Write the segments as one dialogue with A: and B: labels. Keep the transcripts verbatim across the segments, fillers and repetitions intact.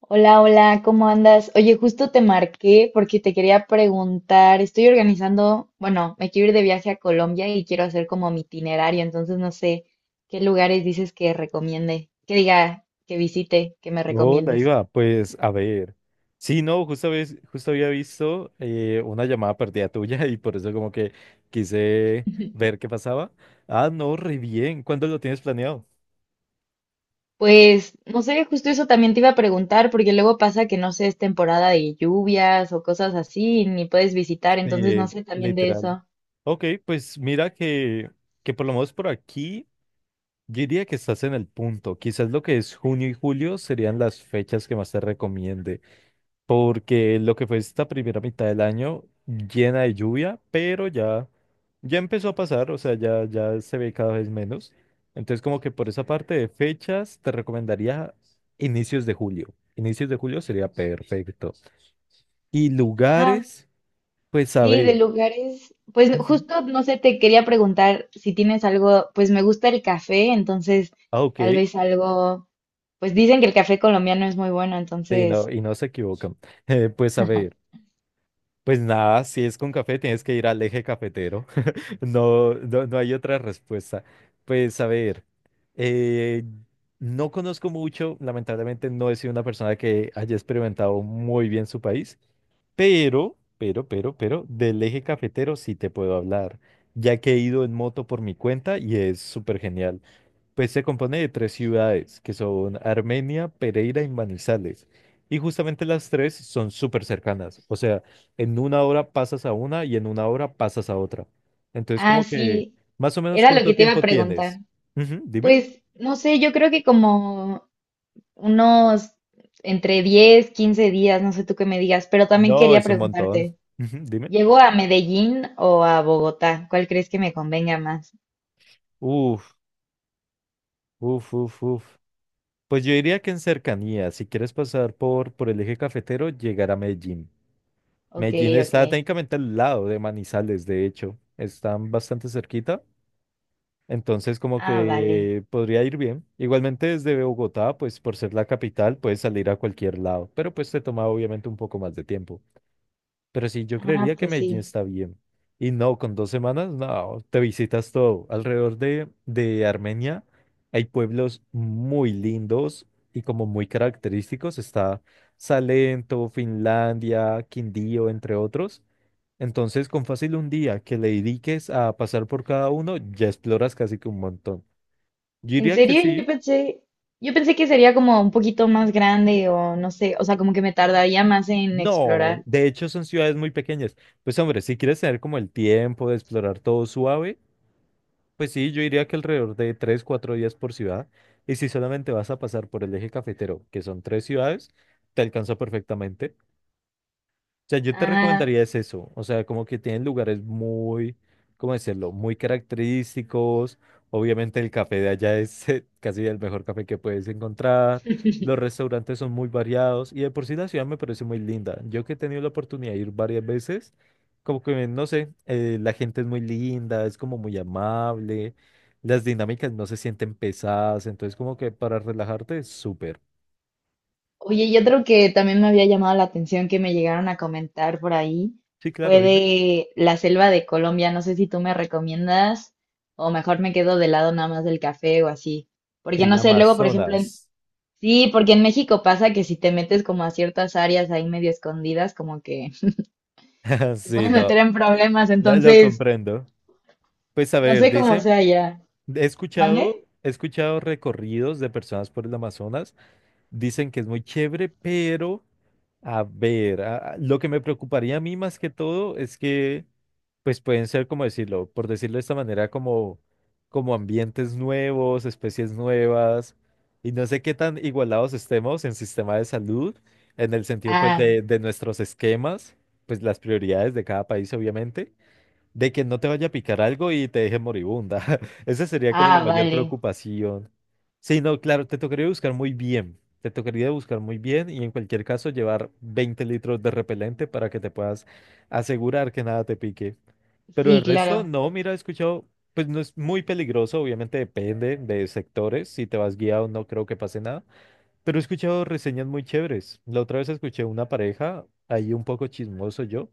A: Hola, hola, ¿cómo andas? Oye, justo te marqué porque te quería preguntar, estoy organizando, bueno, me quiero ir de viaje a Colombia y quiero hacer como mi itinerario, entonces no sé qué lugares dices que recomiende, que diga, que visite, que me
B: Hola,
A: recomiendes.
B: Iva. Pues a ver. Sí, no, justo, habéis- justo había visto eh, una llamada perdida tuya y por eso como que quise ver qué pasaba. Ah, no, re bien. ¿Cuándo lo tienes planeado?
A: Pues, no sé, justo eso también te iba a preguntar, porque luego pasa que no sé, es temporada de lluvias o cosas así, ni puedes visitar, entonces no
B: Eh,
A: sé también de
B: Literal.
A: eso.
B: Ok, pues mira que, que por lo menos por aquí, yo diría que estás en el punto. Quizás lo que es junio y julio serían las fechas que más te recomiende, porque lo que fue esta primera mitad del año llena de lluvia, pero ya, ya empezó a pasar, o sea, ya, ya se ve cada vez menos. Entonces, como que por esa parte de fechas, te recomendaría inicios de julio. Inicios de julio sería perfecto. Y lugares, pues a
A: Sí, de
B: ver.
A: lugares, pues
B: Ujú.
A: justo, no sé, te quería preguntar si tienes algo, pues me gusta el café, entonces
B: Ah, ok.
A: tal vez algo, pues dicen que el café colombiano es muy bueno,
B: Sí, no,
A: entonces,
B: y no se equivocan. Eh, pues a ver, pues nada, si es con café, tienes que ir al eje cafetero. No, no, no hay otra respuesta. Pues a ver, eh, no conozco mucho, lamentablemente no he sido una persona que haya experimentado muy bien su país, pero, pero, pero, pero, del eje cafetero sí te puedo hablar, ya que he ido en moto por mi cuenta y es súper genial. Pues se compone de tres ciudades, que son Armenia, Pereira y Manizales. Y justamente las tres son súper cercanas. O sea, en una hora pasas a una y en una hora pasas a otra. Entonces,
A: ah,
B: como que,
A: sí,
B: más o menos,
A: era lo
B: ¿cuánto
A: que te iba a
B: tiempo tienes?
A: preguntar.
B: Ujú, dime.
A: Pues no sé, yo creo que como unos entre diez quince días, no sé tú qué me digas, pero también
B: No,
A: quería
B: es un montón.
A: preguntarte,
B: Ujú, dime.
A: ¿llego a Medellín o a Bogotá? ¿Cuál crees que me convenga más?
B: Uf, uf, uf, uf. Pues yo diría que en cercanía, si quieres pasar por, por el eje cafetero, llegar a Medellín.
A: Ok,
B: Medellín
A: ok.
B: está técnicamente al lado de Manizales, de hecho. Están bastante cerquita. Entonces, como
A: Ah, vale.
B: que podría ir bien. Igualmente desde Bogotá, pues por ser la capital, puedes salir a cualquier lado, pero pues te toma obviamente un poco más de tiempo. Pero sí, yo
A: Ah,
B: creería que
A: pues
B: Medellín
A: sí.
B: está bien. Y no, con dos semanas, no, te visitas todo. Alrededor de, de Armenia hay pueblos muy lindos y como muy característicos. Está Salento, Finlandia, Quindío, entre otros. Entonces, con fácil un día que le dediques a pasar por cada uno, ya exploras casi que un montón. Yo
A: En
B: diría que
A: serio, yo
B: sí.
A: pensé, yo pensé que sería como un poquito más grande o no sé, o sea, como que me tardaría más en
B: No,
A: explorar.
B: de hecho son ciudades muy pequeñas. Pues hombre, si quieres tener como el tiempo de explorar todo suave, pues sí, yo diría que alrededor de tres, cuatro días por ciudad. Y si solamente vas a pasar por el eje cafetero, que son tres ciudades, te alcanza perfectamente. O sea, yo te
A: Ah,
B: recomendaría es eso, o sea, como que tienen lugares muy, ¿cómo decirlo? Muy característicos. Obviamente el café de allá es eh, casi el mejor café que puedes encontrar. Los restaurantes son muy variados y de por sí la ciudad me parece muy linda. Yo que he tenido la oportunidad de ir varias veces, como que, no sé, eh, la gente es muy linda, es como muy amable, las dinámicas no se sienten pesadas, entonces como que para relajarte es súper.
A: oye, y otro que también me había llamado la atención que me llegaron a comentar por ahí
B: Sí, claro,
A: fue
B: dime.
A: de la selva de Colombia. No sé si tú me recomiendas o mejor me quedo de lado nada más del café o así. Porque
B: El
A: no sé, luego, por ejemplo, en-
B: Amazonas.
A: sí, porque en México pasa que si te metes como a ciertas áreas ahí medio escondidas, como que te
B: Sí,
A: puedes
B: no.
A: meter en problemas,
B: La- lo
A: entonces
B: comprendo. Pues a
A: no
B: ver,
A: sé cómo
B: dicen,
A: sea ya.
B: he
A: ¿Mande?
B: escuchado, he escuchado recorridos de personas por el Amazonas, dicen que es muy chévere, pero a ver, a- a- lo que me preocuparía a mí más que todo es que, pues pueden ser, como decirlo, por decirlo de esta manera, como, como ambientes nuevos, especies nuevas, y no sé qué tan igualados estemos en sistema de salud, en el sentido, pues,
A: Ah,
B: de, de nuestros esquemas, pues las prioridades de cada país, obviamente. De que no te vaya a picar algo y te deje moribunda. Esa sería como la
A: ah,
B: mayor
A: vale.
B: preocupación. Sí, no, claro, te tocaría buscar muy bien. Te tocaría buscar muy bien y en cualquier caso llevar veinte litros de repelente para que te puedas asegurar que nada te pique. Pero el
A: Sí,
B: resto,
A: claro.
B: no, mira, he escuchado, pues no es muy peligroso, obviamente depende de sectores. Si te vas guiado, no creo que pase nada. Pero he escuchado reseñas muy chéveres. La otra vez escuché una pareja, ahí un poco chismoso yo,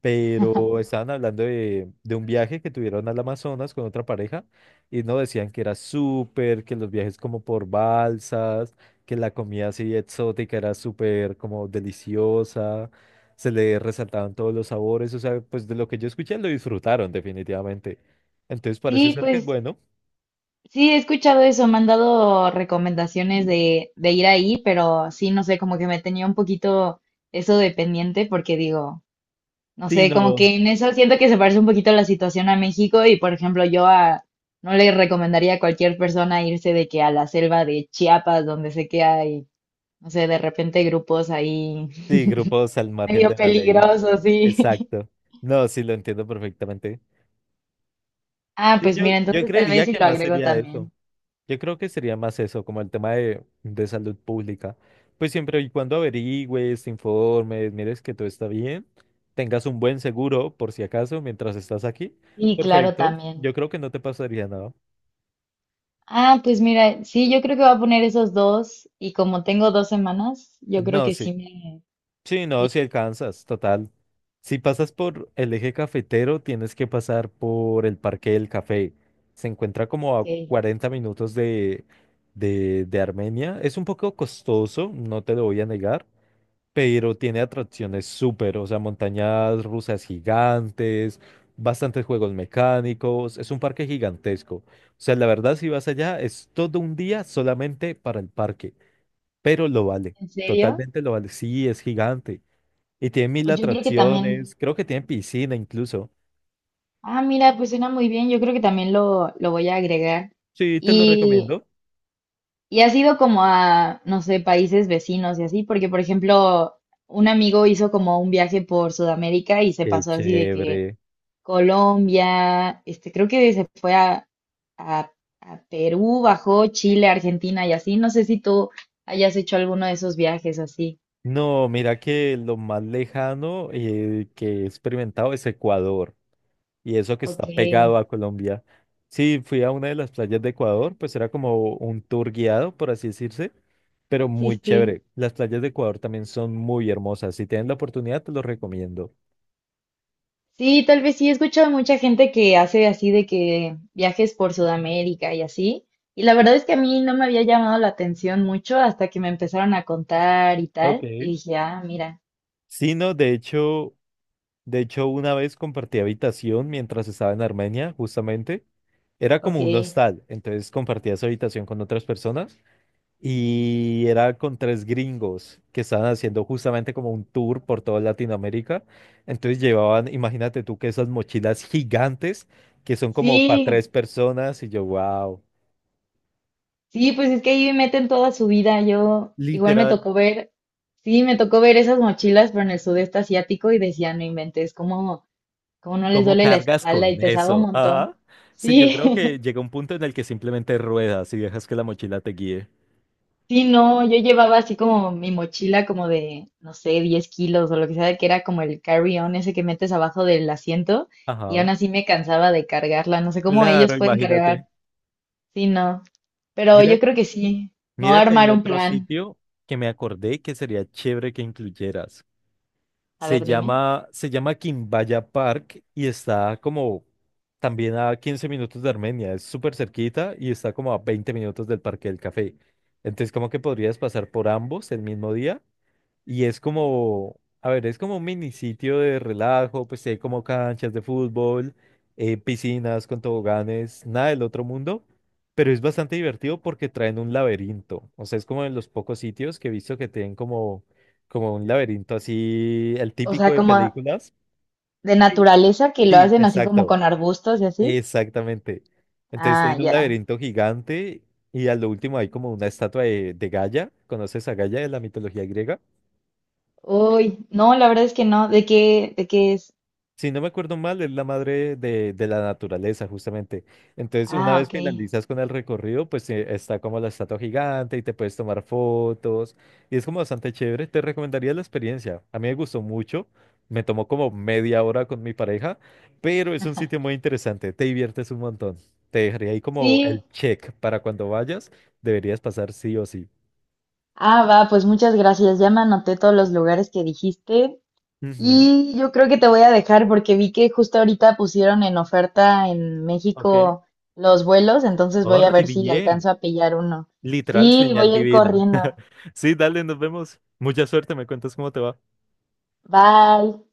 B: pero estaban hablando de, de un viaje que tuvieron al Amazonas con otra pareja y no decían que era súper, que los viajes como por balsas, que la comida así exótica era súper como deliciosa, se le resaltaban todos los sabores, o sea, pues de lo que yo escuché lo disfrutaron definitivamente. Entonces parece
A: Sí,
B: ser que es
A: pues
B: bueno.
A: sí, he escuchado eso. Me han dado recomendaciones de, de ir ahí, pero sí, no sé, como que me tenía un poquito eso de pendiente porque digo, no
B: Sí,
A: sé, como
B: no,
A: que en eso siento que se parece un poquito la situación a México y, por ejemplo, yo a, no le recomendaría a cualquier persona irse de que a la selva de Chiapas, donde sé que hay, no sé, de repente grupos ahí
B: sí, grupos al margen
A: medio
B: de la ley.
A: peligrosos, sí.
B: Exacto. No, sí, lo entiendo perfectamente.
A: Ah,
B: Sí,
A: pues
B: yo,
A: mira,
B: yo
A: entonces tal
B: creería
A: vez sí
B: que
A: lo
B: más
A: agrego
B: sería eso.
A: también.
B: Yo creo que sería más eso, como el tema de, de salud pública. Pues siempre y cuando averigües, te informes, mires que todo está bien, tengas un buen seguro por si acaso mientras estás aquí.
A: Y claro,
B: Perfecto.
A: también.
B: Yo creo que no te pasaría nada.
A: Ah, pues mira, sí, yo creo que voy a poner esos dos y como tengo dos semanas, yo creo
B: No,
A: que sí
B: sí.
A: me...
B: Sí,
A: Sí,
B: no, si alcanzas, total. Si pasas por el eje cafetero, tienes que pasar por el Parque del Café. Se encuentra como
A: ok.
B: a cuarenta minutos de, de, de Armenia. Es un poco costoso, no te lo voy a negar, pero tiene atracciones súper, o sea, montañas rusas gigantes, bastantes juegos mecánicos, es un parque gigantesco. O sea, la verdad, si vas allá, es todo un día solamente para el parque, pero lo vale,
A: ¿En serio?
B: totalmente lo vale, sí, es gigante. Y tiene mil
A: Pues yo creo que también...
B: atracciones, creo que tiene piscina incluso.
A: Ah, mira, pues suena muy bien, yo creo que también lo, lo voy a agregar.
B: Sí, te lo
A: Y,
B: recomiendo.
A: y ha sido como a, no sé, países vecinos y así, porque por ejemplo, un amigo hizo como un viaje por Sudamérica y se
B: Qué
A: pasó así de que
B: chévere.
A: Colombia, este, creo que se fue a, a- a Perú, bajó Chile, Argentina y así. No sé si tú hayas hecho alguno de esos viajes así.
B: No, mira que lo más lejano eh, que he experimentado es Ecuador, y eso que
A: Ok,
B: está pegado
A: sí,
B: a Colombia. Sí, fui a una de las playas de Ecuador, pues era como un tour guiado, por así decirse, pero muy
A: sí.
B: chévere. Las playas de Ecuador también son muy hermosas. Si tienen la oportunidad, te los recomiendo.
A: Sí, tal vez sí, he escuchado mucha gente que hace así de que viajes por Sudamérica y así. Y la verdad es que a mí no me había llamado la atención mucho hasta que me empezaron a contar y
B: Ok.
A: tal. Y dije, ah, mira,
B: Sí, no, de hecho, de hecho una vez compartí habitación mientras estaba en Armenia, justamente. Era
A: ok.
B: como un hostal, entonces compartías habitación con otras personas y era con tres gringos que estaban haciendo justamente como un tour por toda Latinoamérica. Entonces llevaban, imagínate tú, que esas mochilas gigantes que son como para tres
A: Sí,
B: personas y yo, wow,
A: sí, pues es que ahí meten toda su vida. Yo igual me
B: literal,
A: tocó ver, sí, me tocó ver esas mochilas, pero en el sudeste asiático y decía, no inventes, cómo, cómo no les
B: ¿cómo
A: duele la
B: cargas
A: espalda y
B: con
A: pesaba un
B: eso?
A: montón.
B: Ajá. Sí, yo
A: Sí,
B: creo que llega un punto en el que simplemente ruedas y dejas que la mochila te guíe.
A: sí, no, yo llevaba así como mi mochila como de, no sé, diez kilos o lo que sea, que era como el carry-on ese que metes abajo del asiento y
B: Ajá.
A: aún así me cansaba de cargarla. No sé cómo ellos
B: Claro,
A: pueden
B: imagínate.
A: cargar. Sí, no, pero
B: Mira,
A: yo creo que sí. Me voy
B: mira
A: a
B: que hay
A: armar un
B: otro
A: plan.
B: sitio que me acordé que sería chévere que incluyeras.
A: A
B: Se
A: ver, dime.
B: llama, se llama Quimbaya Park y está como también a quince minutos de Armenia. Es súper cerquita y está como a veinte minutos del Parque del Café. Entonces, como que podrías pasar por ambos el mismo día y es como, a ver, es como un mini sitio de relajo, pues si hay como canchas de fútbol, eh, piscinas con toboganes, nada del otro mundo, pero es bastante divertido porque traen un laberinto. O sea, es como de los pocos sitios que he visto que tienen como, como, un laberinto así, el
A: O
B: típico
A: sea,
B: de
A: como
B: películas.
A: de
B: Sí,
A: naturaleza que lo
B: sí,
A: hacen así como
B: exacto,
A: con arbustos y así.
B: exactamente. Entonces
A: Ah,
B: tienen un
A: ya.
B: laberinto gigante y a lo último hay como una estatua de, de Gaia. ¿Conoces a Gaia de la mitología griega?
A: Uy, no, la verdad es que no. ¿De qué, de qué es?
B: Si no me acuerdo mal, es la madre de, de la naturaleza, justamente. Entonces, una
A: Ah,
B: vez
A: ok.
B: finalizas con el recorrido, pues eh, está como la estatua gigante y te puedes tomar fotos. Y es como bastante chévere. Te recomendaría la experiencia. A mí me gustó mucho. Me tomó como media hora con mi pareja, pero es un sitio muy interesante. Te diviertes un montón. Te dejaría ahí como el
A: Sí.
B: check para cuando vayas. Deberías pasar sí o sí.
A: Ah, va, pues muchas gracias. Ya me anoté todos los lugares que dijiste.
B: Ujú.
A: Y yo creo que te voy a dejar porque vi que justo ahorita pusieron en oferta en
B: Ok.
A: México los vuelos, entonces
B: Oh,
A: voy a
B: re
A: ver si
B: bien.
A: alcanzo a pillar uno.
B: Literal,
A: Sí,
B: señal
A: voy a ir
B: divina.
A: corriendo.
B: Sí, dale, nos vemos. Mucha suerte, me cuentas cómo te va.
A: Bye.